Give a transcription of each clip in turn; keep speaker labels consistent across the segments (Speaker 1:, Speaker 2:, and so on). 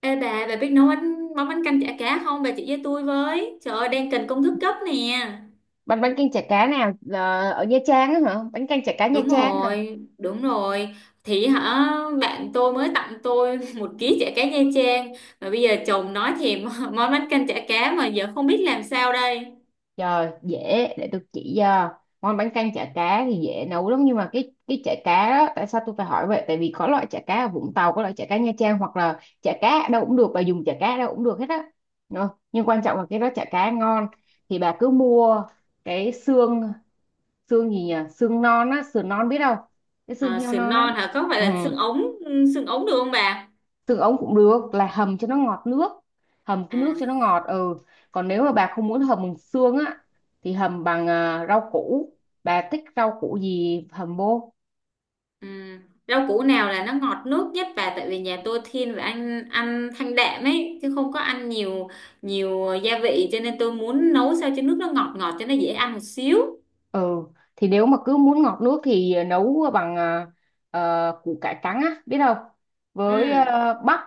Speaker 1: Ê bà biết nấu bánh, món bánh canh chả cá không? Bà chỉ với tôi với. Trời ơi, đang cần công thức gấp nè.
Speaker 2: Bánh bánh canh chả cá nào? Ờ, Ở Nha Trang á hả? Bánh canh chả cá Nha
Speaker 1: Đúng
Speaker 2: Trang hả?
Speaker 1: rồi, đúng rồi. Thì hả, bạn tôi mới tặng tôi một ký chả cá Nha Trang. Mà bây giờ chồng nói thèm món bánh canh chả cá mà giờ không biết làm sao đây.
Speaker 2: Trời, dễ, để tôi chỉ cho. Món bánh canh chả cá thì dễ nấu lắm, nhưng mà cái chả cá đó, tại sao tôi phải hỏi vậy, tại vì có loại chả cá ở Vũng Tàu, có loại chả cá Nha Trang, hoặc là chả cá ở đâu cũng được, bà dùng chả cá ở đâu cũng được hết á. Đó, nhưng quan trọng là cái đó chả cá ngon, thì bà cứ mua cái xương, xương gì nhỉ, xương non á, sườn non, biết không, cái xương
Speaker 1: À,
Speaker 2: heo
Speaker 1: sườn
Speaker 2: non á.
Speaker 1: non hả? Có phải
Speaker 2: Ừ,
Speaker 1: là xương ống được không bà?
Speaker 2: tương ống cũng được, là hầm cho nó ngọt nước, hầm cái nước cho nó
Speaker 1: À,
Speaker 2: ngọt, ừ. Còn nếu mà bà không muốn hầm bằng xương á, thì hầm bằng rau củ, bà thích rau củ gì hầm vô.
Speaker 1: ừ. Rau củ nào là nó ngọt nước nhất, và tại vì nhà tôi thiên về ăn ăn thanh đạm ấy, chứ không có ăn nhiều nhiều gia vị, cho nên tôi muốn nấu sao cho nước nó ngọt ngọt cho nó dễ ăn một xíu.
Speaker 2: Ừ, thì nếu mà cứ muốn ngọt nước thì nấu bằng củ cải trắng á, biết không,
Speaker 1: Ừ.
Speaker 2: với bắp,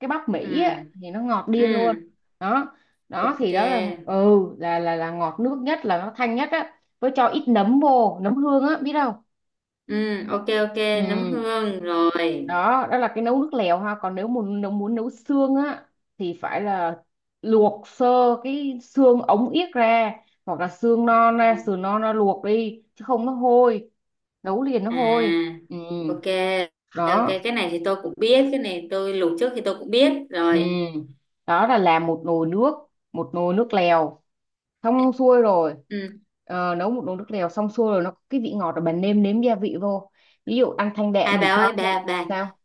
Speaker 2: cái bắp Mỹ
Speaker 1: Ừ.
Speaker 2: á thì nó ngọt điên luôn.
Speaker 1: Ừ.
Speaker 2: Đó, đó thì
Speaker 1: Ok.
Speaker 2: đó là ngọt nước nhất, là nó thanh nhất á, với cho ít nấm vô, nấm hương á, biết không.
Speaker 1: Ừ, ok ok, nấm
Speaker 2: Ừ,
Speaker 1: hương rồi.
Speaker 2: đó, đó là cái nấu nước lèo ha. Còn nếu muốn, nấu xương á thì phải là luộc sơ cái xương ống yết ra, hoặc là xương
Speaker 1: Ừ.
Speaker 2: non ra, sườn non ra, luộc đi chứ không nó hôi, nấu liền nó
Speaker 1: À.
Speaker 2: hôi. Ừ,
Speaker 1: Ok. Ok,
Speaker 2: đó.
Speaker 1: cái này thì tôi cũng biết, cái này tôi luộc trước thì tôi cũng biết
Speaker 2: Ừ,
Speaker 1: rồi.
Speaker 2: đó là làm một nồi nước, một nồi nước lèo xong xuôi rồi.
Speaker 1: Ừ.
Speaker 2: Nấu một nồi nước lèo xong xuôi rồi, nó có cái vị ngọt rồi, bạn nêm nếm gia vị vô, ví dụ ăn thanh đạm
Speaker 1: À bà
Speaker 2: thì cho
Speaker 1: ơi,
Speaker 2: thêm.
Speaker 1: bà
Speaker 2: Sao?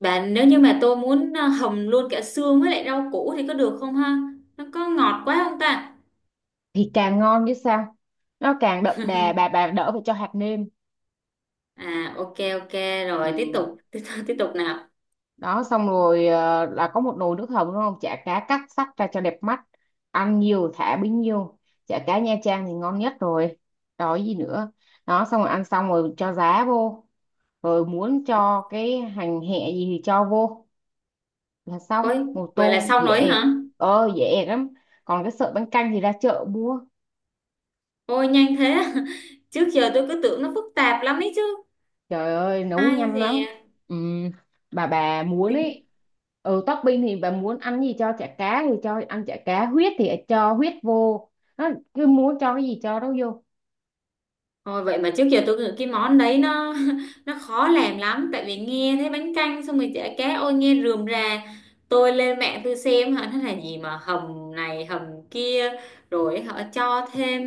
Speaker 1: bạn, nếu như mà tôi muốn hầm luôn cả xương với lại rau củ thì có được không ha? Nó có ngọt quá không ta?
Speaker 2: Thì càng ngon chứ sao, nó càng đậm đà, bà bà đỡ phải cho hạt nêm.
Speaker 1: À ok, ok rồi, tiếp
Speaker 2: Ừ.
Speaker 1: tục tiếp tục nào.
Speaker 2: Đó, xong rồi, là có một nồi nước hầm đúng không, chả cá cắt sắc ra cho đẹp mắt, ăn nhiều thả bấy nhiêu, chả cá Nha Trang thì ngon nhất rồi. Đó, gì nữa, đó, xong rồi, ăn, xong rồi cho giá vô, rồi muốn cho cái hành hẹ gì thì cho vô, là xong
Speaker 1: Ôi,
Speaker 2: một
Speaker 1: vậy là
Speaker 2: tô,
Speaker 1: xong
Speaker 2: dễ
Speaker 1: rồi
Speaker 2: ẹt.
Speaker 1: hả?
Speaker 2: Ờ, dễ ẹt lắm, còn cái sợi bánh canh thì ra chợ mua.
Speaker 1: Ôi nhanh thế. Trước giờ tôi cứ tưởng nó phức tạp lắm ấy chứ.
Speaker 2: Trời ơi, nấu
Speaker 1: Ai
Speaker 2: nhanh
Speaker 1: dè.
Speaker 2: lắm. Ừm, bà muốn ấy, ừ, topping thì bà muốn ăn gì cho chả cá thì cho, ăn chả cá huyết thì cho huyết vô, nó cứ muốn cho cái gì cho đó vô.
Speaker 1: Ôi, vậy mà trước giờ tôi cứ- cái món đấy nó nó khó làm lắm, tại vì nghe thấy bánh canh xong rồi chả cá, ôi nghe rườm rà. Tôi lên mạng tôi xem hả nó là gì, mà hầm này hầm kia, rồi họ cho thêm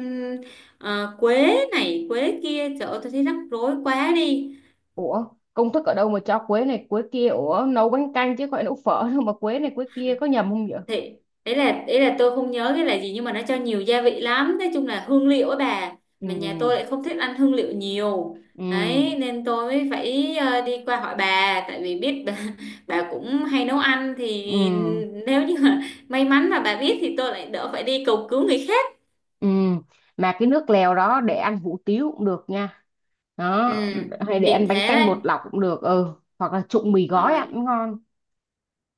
Speaker 1: quế này quế kia, trời ơi tôi thấy rắc rối quá đi.
Speaker 2: Ủa, công thức ở đâu mà cho quế này quế kia? Ủa, nấu bánh canh chứ gọi nấu phở đâu mà quế này quế kia, có nhầm không vậy?
Speaker 1: Thì ý là tôi không nhớ cái là gì, nhưng mà nó cho nhiều gia vị lắm, nói chung là hương liệu á bà.
Speaker 2: Ừ.
Speaker 1: Mà nhà tôi lại không thích ăn hương liệu nhiều,
Speaker 2: Ừ.
Speaker 1: đấy nên tôi mới phải đi qua hỏi bà, tại vì biết bà, bà cũng hay nấu ăn. Thì
Speaker 2: Ừ.
Speaker 1: nếu như mà may mắn mà bà biết thì tôi lại đỡ phải đi cầu cứu người khác.
Speaker 2: Ừ. Mà cái nước lèo đó để ăn hủ tiếu cũng được nha,
Speaker 1: Ừ,
Speaker 2: đó, hay để ăn
Speaker 1: tiện
Speaker 2: bánh
Speaker 1: thế
Speaker 2: canh
Speaker 1: đấy.
Speaker 2: bột lọc cũng được, ừ, hoặc là trụng mì gói ăn
Speaker 1: Rồi.
Speaker 2: cũng ngon.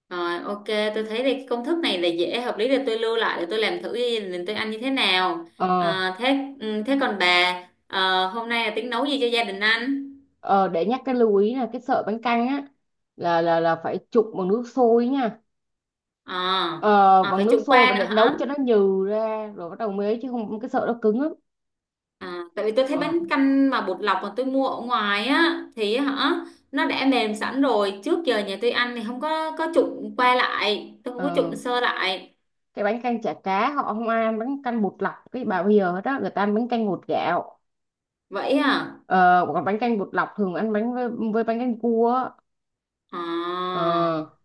Speaker 1: Rồi ok, tôi thấy thì cái công thức này là dễ, hợp lý, để tôi lưu lại để tôi làm thử gia, tôi ăn như thế nào.
Speaker 2: Ờ.
Speaker 1: À, thế ừ, thế còn bà hôm nay là tính nấu gì cho gia đình ăn?
Speaker 2: Ờ, để nhắc cái lưu ý, là cái sợi bánh canh á, là phải trụng bằng nước sôi nha.
Speaker 1: À,
Speaker 2: Ờ,
Speaker 1: à
Speaker 2: bằng
Speaker 1: phải
Speaker 2: nước
Speaker 1: chủ
Speaker 2: sôi,
Speaker 1: qua
Speaker 2: và
Speaker 1: nữa
Speaker 2: để
Speaker 1: hả?
Speaker 2: nấu cho nó nhừ ra rồi bắt đầu mới ấy, chứ không cái sợi nó cứng lắm.
Speaker 1: À, tại vì tôi thấy
Speaker 2: Ờ.
Speaker 1: bánh canh mà bột lọc mà tôi mua ở ngoài á thì nó đã mềm sẵn rồi, trước giờ nhà tôi ăn thì không có trụng qua lại, tôi không có trụng
Speaker 2: Ờ.
Speaker 1: sơ lại.
Speaker 2: Cái bánh canh chả cá họ không ăn bánh canh bột lọc, cái bà bây giờ hết á, người ta ăn bánh canh bột gạo.
Speaker 1: Vậy à?
Speaker 2: Ờ, còn bánh canh bột lọc thường ăn bánh với bánh canh cua á.
Speaker 1: À.
Speaker 2: Ờ.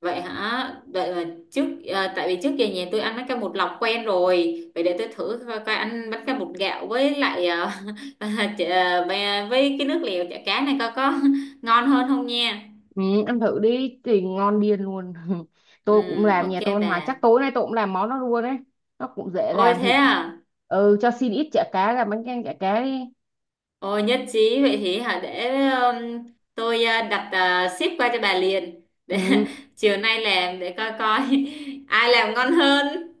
Speaker 1: Vậy hả? Đợi là trước à, tại vì trước giờ nhà tôi ăn bánh canh bột lọc quen rồi. Vậy để tôi thử coi, coi ăn bánh canh bột gạo với lại à, à, với cái nước lèo chả cá này coi có ngon hơn không nha.
Speaker 2: Ừ, ăn thử đi thì ngon điên luôn
Speaker 1: Ừ,
Speaker 2: tôi cũng làm,
Speaker 1: ok
Speaker 2: nhà tôi ăn hoài,
Speaker 1: bà.
Speaker 2: chắc tối nay tôi cũng làm món đó luôn đấy. Nó cũng dễ
Speaker 1: Ôi
Speaker 2: làm thì,
Speaker 1: thế à?
Speaker 2: ừ, cho xin ít chả cá làm bánh canh chả cá đi.
Speaker 1: Ôi nhất trí. Vậy thì hả để tôi đặt ship qua cho bà liền. Để
Speaker 2: Ừ.
Speaker 1: chiều nay làm để coi coi ai làm ngon hơn.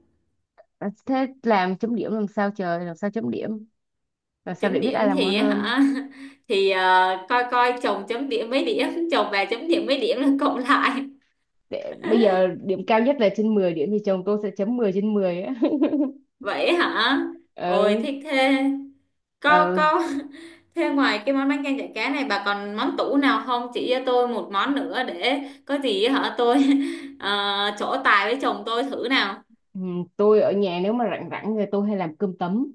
Speaker 2: À, thế làm chấm điểm làm sao trời, làm sao chấm điểm, làm sao để
Speaker 1: Chấm
Speaker 2: biết
Speaker 1: điểm
Speaker 2: ai làm ngon
Speaker 1: thì
Speaker 2: hơn.
Speaker 1: hả thì coi coi chồng chấm điểm mấy điểm, chồng bà chấm điểm mấy điểm, là cộng lại.
Speaker 2: Để, bây giờ điểm cao nhất là trên 10 điểm, thì chồng tôi sẽ chấm 10 trên mười á.
Speaker 1: Vậy hả? Ôi
Speaker 2: Ừ.
Speaker 1: thích thế. có
Speaker 2: Ừ.
Speaker 1: có thế ngoài cái món bánh canh chả cá này, bà còn món tủ nào không, chỉ cho tôi một món nữa để có gì hả tôi trổ tài với chồng tôi thử nào.
Speaker 2: Ừ, tôi ở nhà, nếu mà rảnh rảnh thì tôi hay làm cơm tấm.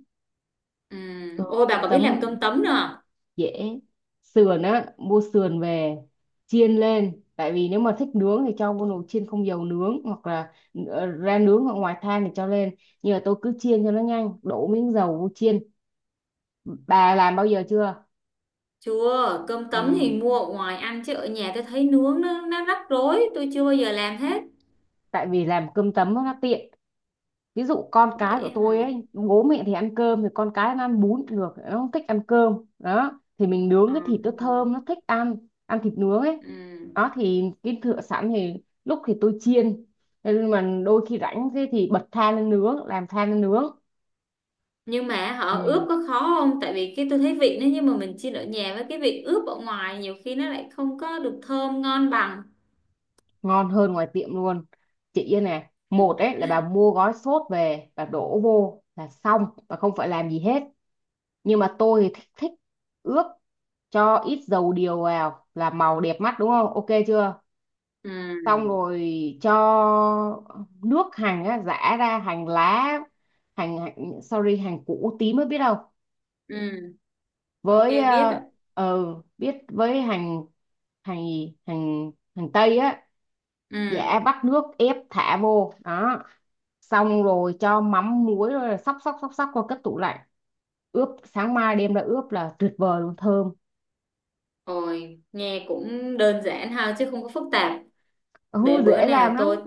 Speaker 1: Ừ.
Speaker 2: Ừ,
Speaker 1: Ôi bà
Speaker 2: cơm
Speaker 1: có biết làm
Speaker 2: tấm
Speaker 1: cơm tấm nữa à?
Speaker 2: dễ, sườn á, mua sườn về chiên lên, tại vì nếu mà thích nướng thì cho vô nồi chiên không dầu nướng, hoặc là ra nướng, hoặc ngoài than thì cho lên, nhưng mà tôi cứ chiên cho nó nhanh, đổ miếng dầu vô chiên. Bà làm bao giờ chưa?
Speaker 1: Chưa, cơm tấm thì
Speaker 2: Ừ,
Speaker 1: mua ở ngoài ăn, chứ ở nhà tôi thấy nướng nó rắc rối, tôi chưa bao giờ làm hết.
Speaker 2: tại vì làm cơm tấm nó tiện, ví dụ con cái của
Speaker 1: Vậy hả?
Speaker 2: tôi ấy, bố mẹ thì ăn cơm, thì con cái nó ăn bún được, nó không thích ăn cơm, đó thì mình
Speaker 1: Ừ.
Speaker 2: nướng cái thịt nó thơm, nó thích ăn, ăn thịt nướng ấy.
Speaker 1: Ừ.
Speaker 2: Đó thì cái thựa sẵn thì lúc thì tôi chiên, nhưng mà đôi khi rảnh thế thì bật than lên nướng, làm than lên nướng.
Speaker 1: Nhưng mà
Speaker 2: Ừ.
Speaker 1: họ ướp có khó không? Tại vì cái tôi thấy vị nó, nhưng mà mình chiên ở nhà với cái vị ướp ở ngoài nhiều khi nó lại không có được thơm ngon bằng.
Speaker 2: Ngon hơn ngoài tiệm luôn. Chị Yên này, một ấy là bà mua gói sốt về bà đổ vô là xong, và không phải làm gì hết, nhưng mà tôi thì thích thích ướp, cho ít dầu điều vào là màu đẹp mắt đúng không, ok chưa. Xong
Speaker 1: Ừ.
Speaker 2: rồi cho nước hành á, giã ra, hành lá, hành, hành sorry, hành củ tím mới biết đâu,
Speaker 1: Ừ. Ok
Speaker 2: với
Speaker 1: biết
Speaker 2: ờ.
Speaker 1: ạ.
Speaker 2: Ờ, biết, với hành, hành gì? Hành, hành tây á,
Speaker 1: Ừ.
Speaker 2: giã vắt nước ép thả vô đó, xong rồi cho mắm muối rồi là xóc xóc xóc xóc qua, cất tủ lạnh, ướp, sáng mai đem ra ướp là tuyệt vời luôn, thơm.
Speaker 1: Ôi, nghe cũng đơn giản ha, chứ không có phức tạp.
Speaker 2: Ừ,
Speaker 1: Để bữa
Speaker 2: dễ
Speaker 1: nào
Speaker 2: làm
Speaker 1: tôi
Speaker 2: lắm.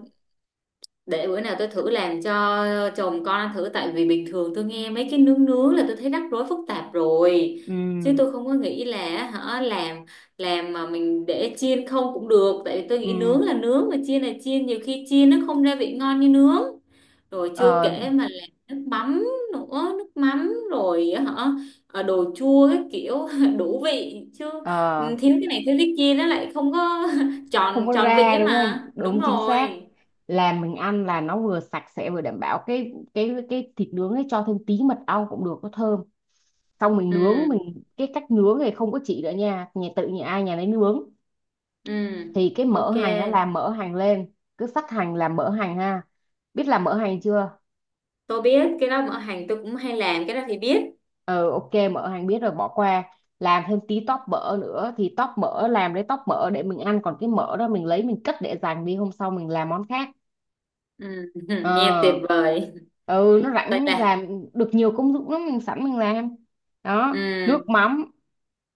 Speaker 1: để bữa nào tôi thử làm cho chồng con ăn thử, tại vì bình thường tôi nghe mấy cái nướng nướng là tôi thấy rắc rối phức tạp rồi, chứ
Speaker 2: Ừ.
Speaker 1: tôi không có nghĩ là hả làm mà mình để chiên không cũng được, tại vì tôi nghĩ
Speaker 2: Ừ.
Speaker 1: nướng là nướng mà chiên là chiên, nhiều khi chiên nó không ra vị ngon như nướng. Rồi chưa
Speaker 2: ờ,
Speaker 1: kể mà làm nước mắm nữa, nước mắm rồi hả ờ, đồ chua, cái kiểu đủ vị chứ,
Speaker 2: ờ,
Speaker 1: ừ, thiếu cái này thiếu cái kia nó lại không có
Speaker 2: Không
Speaker 1: tròn
Speaker 2: có
Speaker 1: tròn vị
Speaker 2: ra
Speaker 1: ấy
Speaker 2: đúng không,
Speaker 1: mà, đúng
Speaker 2: đúng, chính xác,
Speaker 1: rồi.
Speaker 2: làm mình ăn là nó vừa sạch sẽ, vừa đảm bảo, cái thịt nướng ấy cho thêm tí mật ong cũng được, có thơm. Xong mình nướng,
Speaker 1: Ừ.
Speaker 2: mình cái cách nướng này không có chỉ nữa nha, nhà tự nhà ai nhà nấy nướng.
Speaker 1: Ừ,
Speaker 2: Thì cái mỡ
Speaker 1: ok.
Speaker 2: hành nó làm, mỡ hành lên, cứ sắc hành, làm mỡ hành ha, biết làm mỡ hành chưa.
Speaker 1: Tôi biết cái đó, ở hàng tôi cũng hay làm cái đó thì biết.
Speaker 2: Ừ, ok, mỡ hàng biết rồi, bỏ qua. Làm thêm tí tóp mỡ nữa, thì tóp mỡ làm lấy tóp mỡ để mình ăn, còn cái mỡ đó mình lấy mình cất để dành đi, hôm sau mình làm món khác.
Speaker 1: Ừ, nghe tuyệt
Speaker 2: Ờ.
Speaker 1: vời.
Speaker 2: Ừ, nó
Speaker 1: Vậy
Speaker 2: rảnh
Speaker 1: là
Speaker 2: làm được nhiều công dụng lắm, mình sẵn mình làm. Đó, nước
Speaker 1: ừ,
Speaker 2: mắm.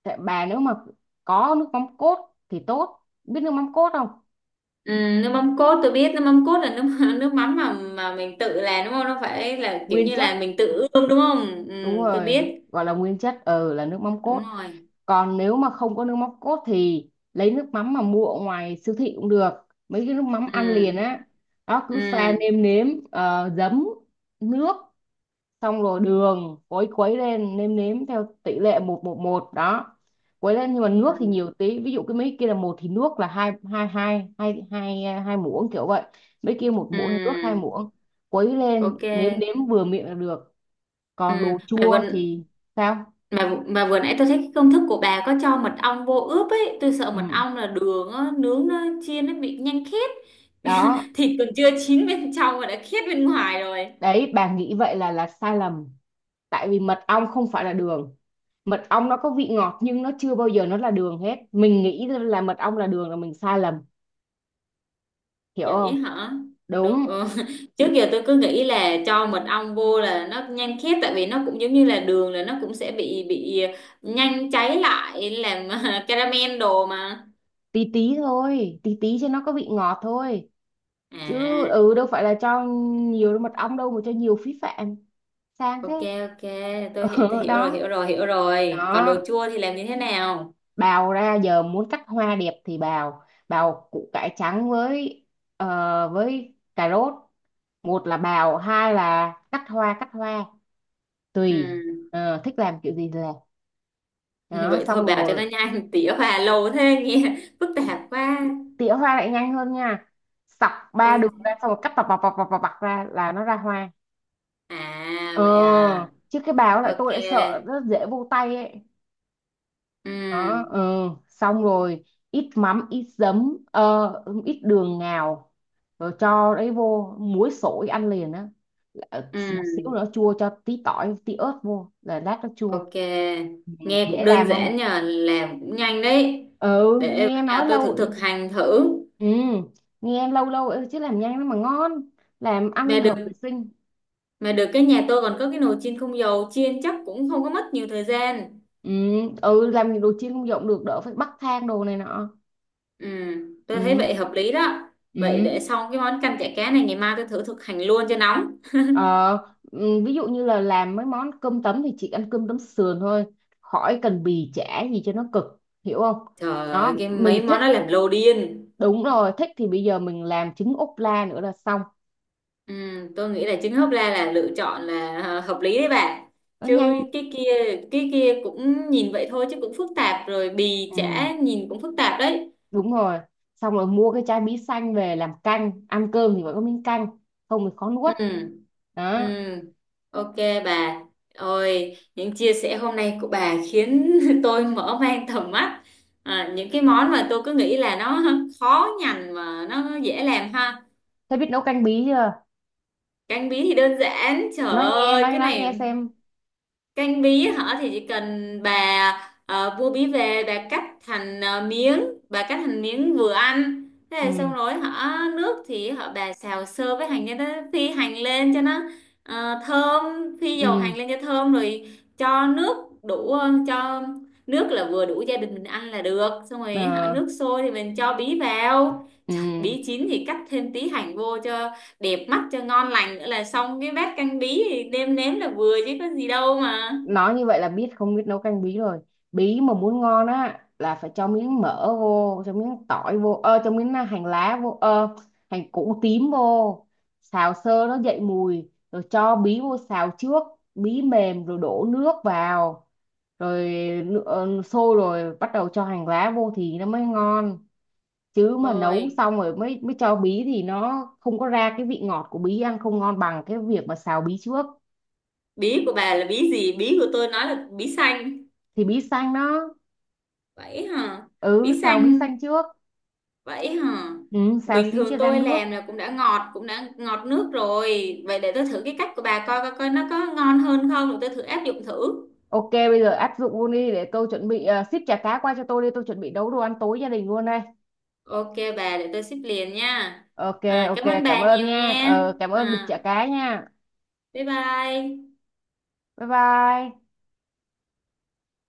Speaker 2: Tại bà nếu mà có nước mắm cốt thì tốt, biết nước mắm cốt không,
Speaker 1: ừ, nước mắm cốt tôi biết, nước mắm cốt là nước nước mắm mà mình tự làm đúng không? Nó phải là kiểu
Speaker 2: nguyên
Speaker 1: như
Speaker 2: chất,
Speaker 1: là mình tự ươm đúng không?
Speaker 2: đúng
Speaker 1: Ừ, tôi
Speaker 2: rồi,
Speaker 1: biết.
Speaker 2: gọi là nguyên chất, ừ, là nước mắm
Speaker 1: Đúng
Speaker 2: cốt.
Speaker 1: rồi.
Speaker 2: Còn nếu mà không có nước mắm cốt thì lấy nước mắm mà mua ở ngoài siêu thị cũng được, mấy cái nước mắm ăn liền
Speaker 1: Ừ,
Speaker 2: á, đó, cứ pha
Speaker 1: ừ,
Speaker 2: nêm nếm giấm, nước, xong rồi đường, quấy quấy lên, nêm nếm theo tỷ lệ một một một, đó, quấy lên, nhưng mà nước thì
Speaker 1: ừ,
Speaker 2: nhiều tí, ví dụ cái mấy kia là một thì nước là hai, hai hai hai hai hai muỗng kiểu vậy, mấy kia một muỗng thì nước hai
Speaker 1: ừ,
Speaker 2: muỗng, quấy lên
Speaker 1: ok.
Speaker 2: nếm nếm vừa miệng là được.
Speaker 1: Ừ,
Speaker 2: Còn đồ
Speaker 1: mày vừa,
Speaker 2: chua thì sao?
Speaker 1: mà vừa nãy tôi thấy cái công thức của bà có cho mật ong vô ướp ấy, tôi sợ mật
Speaker 2: Ừ,
Speaker 1: ong là đường á, nướng nó chiên nó bị nhanh khét.
Speaker 2: đó.
Speaker 1: Thịt còn chưa chín bên trong mà đã khét bên ngoài rồi.
Speaker 2: Đấy bà nghĩ vậy là sai lầm, tại vì mật ong không phải là đường, mật ong nó có vị ngọt nhưng nó chưa bao giờ nó là đường hết, mình nghĩ là mật ong là đường là mình sai lầm, hiểu không.
Speaker 1: Vậy hả? Đúng
Speaker 2: Đúng.
Speaker 1: ừ. Trước giờ tôi cứ nghĩ là cho mật ong vô là nó nhanh khét, tại vì nó cũng giống như là đường, là nó cũng sẽ bị nhanh cháy lại làm caramel đồ mà.
Speaker 2: Tí tí thôi, tí tí cho nó có vị ngọt thôi, chứ
Speaker 1: À
Speaker 2: ừ đâu phải là cho nhiều mật ong, đâu mà cho nhiều phí phạm, sang thế.
Speaker 1: ok, ok, tôi
Speaker 2: Ừ,
Speaker 1: hiểu rồi,
Speaker 2: đó.
Speaker 1: hiểu rồi hiểu rồi. Còn đồ
Speaker 2: Đó,
Speaker 1: chua thì làm như thế nào?
Speaker 2: bào ra, giờ muốn cắt hoa đẹp thì bào, bào củ cải trắng với với cà rốt, một là bào hai là cắt hoa, cắt hoa tùy.
Speaker 1: Ừ.
Speaker 2: Ờ, thích làm kiểu gì thì làm, đó,
Speaker 1: Vậy thôi
Speaker 2: xong
Speaker 1: bảo cho
Speaker 2: rồi.
Speaker 1: nó nhanh, tỉa hòa lâu thế nghe phức tạp quá.
Speaker 2: Tỉa hoa lại nhanh hơn nha, sọc ba
Speaker 1: Ôi,
Speaker 2: đường ra, xong rồi cắt bọc bọc bọc bọc bọc bọc ra là nó ra hoa.
Speaker 1: à
Speaker 2: Ờ,
Speaker 1: vậy à.
Speaker 2: chứ cái bào lại
Speaker 1: Ok.
Speaker 2: tôi lại sợ rất dễ vô tay ấy. Đó.
Speaker 1: Ừ.
Speaker 2: Ừ, xong rồi, ít mắm ít giấm ít đường ngào, rồi cho đấy vô muối sổi ăn liền á. Ờ, một xíu
Speaker 1: Ừ,
Speaker 2: nữa chua, cho tí tỏi tí ớt vô là lát nó chua.
Speaker 1: ok,
Speaker 2: Ừ.
Speaker 1: nghe
Speaker 2: Dễ
Speaker 1: cũng đơn
Speaker 2: làm không,
Speaker 1: giản, nhờ làm cũng nhanh đấy.
Speaker 2: ừ
Speaker 1: Để bữa
Speaker 2: nghe nói
Speaker 1: nào tôi
Speaker 2: lâu
Speaker 1: thử thực
Speaker 2: rồi.
Speaker 1: hành thử.
Speaker 2: Ừ, nghe lâu lâu rồi chứ làm nhanh lắm mà ngon, làm ăn
Speaker 1: mà được
Speaker 2: hợp vệ sinh.
Speaker 1: mà được cái nhà tôi còn có cái nồi chiên không dầu, chiên chắc cũng không có mất nhiều thời gian.
Speaker 2: Ừ. Ừ, làm đồ chiên không dọn được đỡ phải bắt than đồ này nọ.
Speaker 1: Ừ, tôi thấy
Speaker 2: Ừ.
Speaker 1: vậy hợp lý đó. Vậy
Speaker 2: Ừ.
Speaker 1: để xong cái món canh chả cá này, ngày mai tôi thử thực hành luôn cho nóng.
Speaker 2: Ờ, ừ, ví dụ như là làm mấy món cơm tấm thì chị ăn cơm tấm sườn thôi, khỏi cần bì chả gì cho nó cực, hiểu không.
Speaker 1: Trời
Speaker 2: Đó,
Speaker 1: ơi, cái mấy
Speaker 2: mình thích,
Speaker 1: món nó làm lồ điên.
Speaker 2: đúng rồi, thích thì bây giờ mình làm trứng ốp la nữa là xong.
Speaker 1: Ừ, tôi nghĩ là trứng hấp la là lựa chọn là hợp lý đấy bạn.
Speaker 2: Nó nhanh.
Speaker 1: Chứ cái kia cũng nhìn vậy thôi chứ cũng phức tạp rồi, bì
Speaker 2: Ừ,
Speaker 1: chả nhìn cũng phức tạp đấy.
Speaker 2: đúng rồi, xong rồi mua cái chai bí xanh về làm canh, ăn cơm thì phải có miếng canh, không thì khó nuốt.
Speaker 1: Ừ. Ừ,
Speaker 2: Đó.
Speaker 1: ok bà. Ôi, những chia sẻ hôm nay của bà khiến tôi mở mang tầm mắt, à, những cái món mà tôi cứ nghĩ là nó khó nhằn mà nó dễ làm ha.
Speaker 2: Thế biết nấu canh bí chưa,
Speaker 1: Canh bí thì đơn giản, trời
Speaker 2: nói nghe,
Speaker 1: ơi
Speaker 2: nói
Speaker 1: cái
Speaker 2: nói nghe
Speaker 1: này.
Speaker 2: xem.
Speaker 1: Canh bí hả, thì chỉ cần bà mua bí về, bà cắt thành miếng, bà cắt thành miếng vừa ăn, thế là
Speaker 2: Ừ.
Speaker 1: xong rồi hả. Nước thì hả bà xào sơ với hành cho nó phi hành lên cho nó thơm, phi dầu
Speaker 2: Ừ.
Speaker 1: hành lên cho thơm, rồi cho nước đủ, cho nước là vừa đủ gia đình mình ăn là được. Xong rồi hả
Speaker 2: Ờ,
Speaker 1: nước sôi thì mình cho bí vào. Trời,
Speaker 2: ừ,
Speaker 1: bí chín thì cắt thêm tí hành vô cho đẹp mắt cho ngon lành, nữa là xong cái bát canh bí, thì nêm nếm là vừa chứ có gì đâu mà.
Speaker 2: nói như vậy là biết, không biết nấu canh bí rồi, bí mà muốn ngon á là phải cho miếng mỡ vô, cho miếng tỏi vô, ơ cho miếng hành lá vô, ơ hành củ tím vô, xào sơ nó dậy mùi rồi cho bí vô xào trước, bí mềm rồi đổ nước vào, rồi sôi rồi bắt đầu cho hành lá vô thì nó mới ngon, chứ mà nấu
Speaker 1: Ôi,
Speaker 2: xong rồi mới mới cho bí thì nó không có ra cái vị ngọt của bí, ăn không ngon bằng cái việc mà xào bí trước.
Speaker 1: bí của bà là bí gì, bí của tôi nói là bí xanh.
Speaker 2: Thì bí xanh đó.
Speaker 1: Vậy hả?
Speaker 2: Ừ,
Speaker 1: Bí
Speaker 2: xào bí
Speaker 1: xanh.
Speaker 2: xanh trước.
Speaker 1: Vậy hả?
Speaker 2: Ừ, xào
Speaker 1: Bình
Speaker 2: xíu cho
Speaker 1: thường
Speaker 2: ra
Speaker 1: tôi
Speaker 2: nước.
Speaker 1: làm là cũng đã ngọt, cũng đã ngọt nước rồi, vậy để tôi thử cái cách của bà coi coi coi nó có ngon hơn không rồi tôi thử áp dụng thử.
Speaker 2: Ok, bây giờ áp dụng luôn đi, để tôi chuẩn bị, ship chả cá qua cho tôi đi, tôi chuẩn bị nấu đồ ăn tối gia đình luôn đây.
Speaker 1: Ok bà, để tôi ship liền nha.
Speaker 2: Ok.
Speaker 1: À,
Speaker 2: Ok,
Speaker 1: cảm ơn
Speaker 2: cảm
Speaker 1: bà
Speaker 2: ơn
Speaker 1: nhiều
Speaker 2: nha,
Speaker 1: nha.
Speaker 2: ờ, cảm ơn bịch
Speaker 1: À,
Speaker 2: chả cá nha.
Speaker 1: bye bye.
Speaker 2: Bye bye.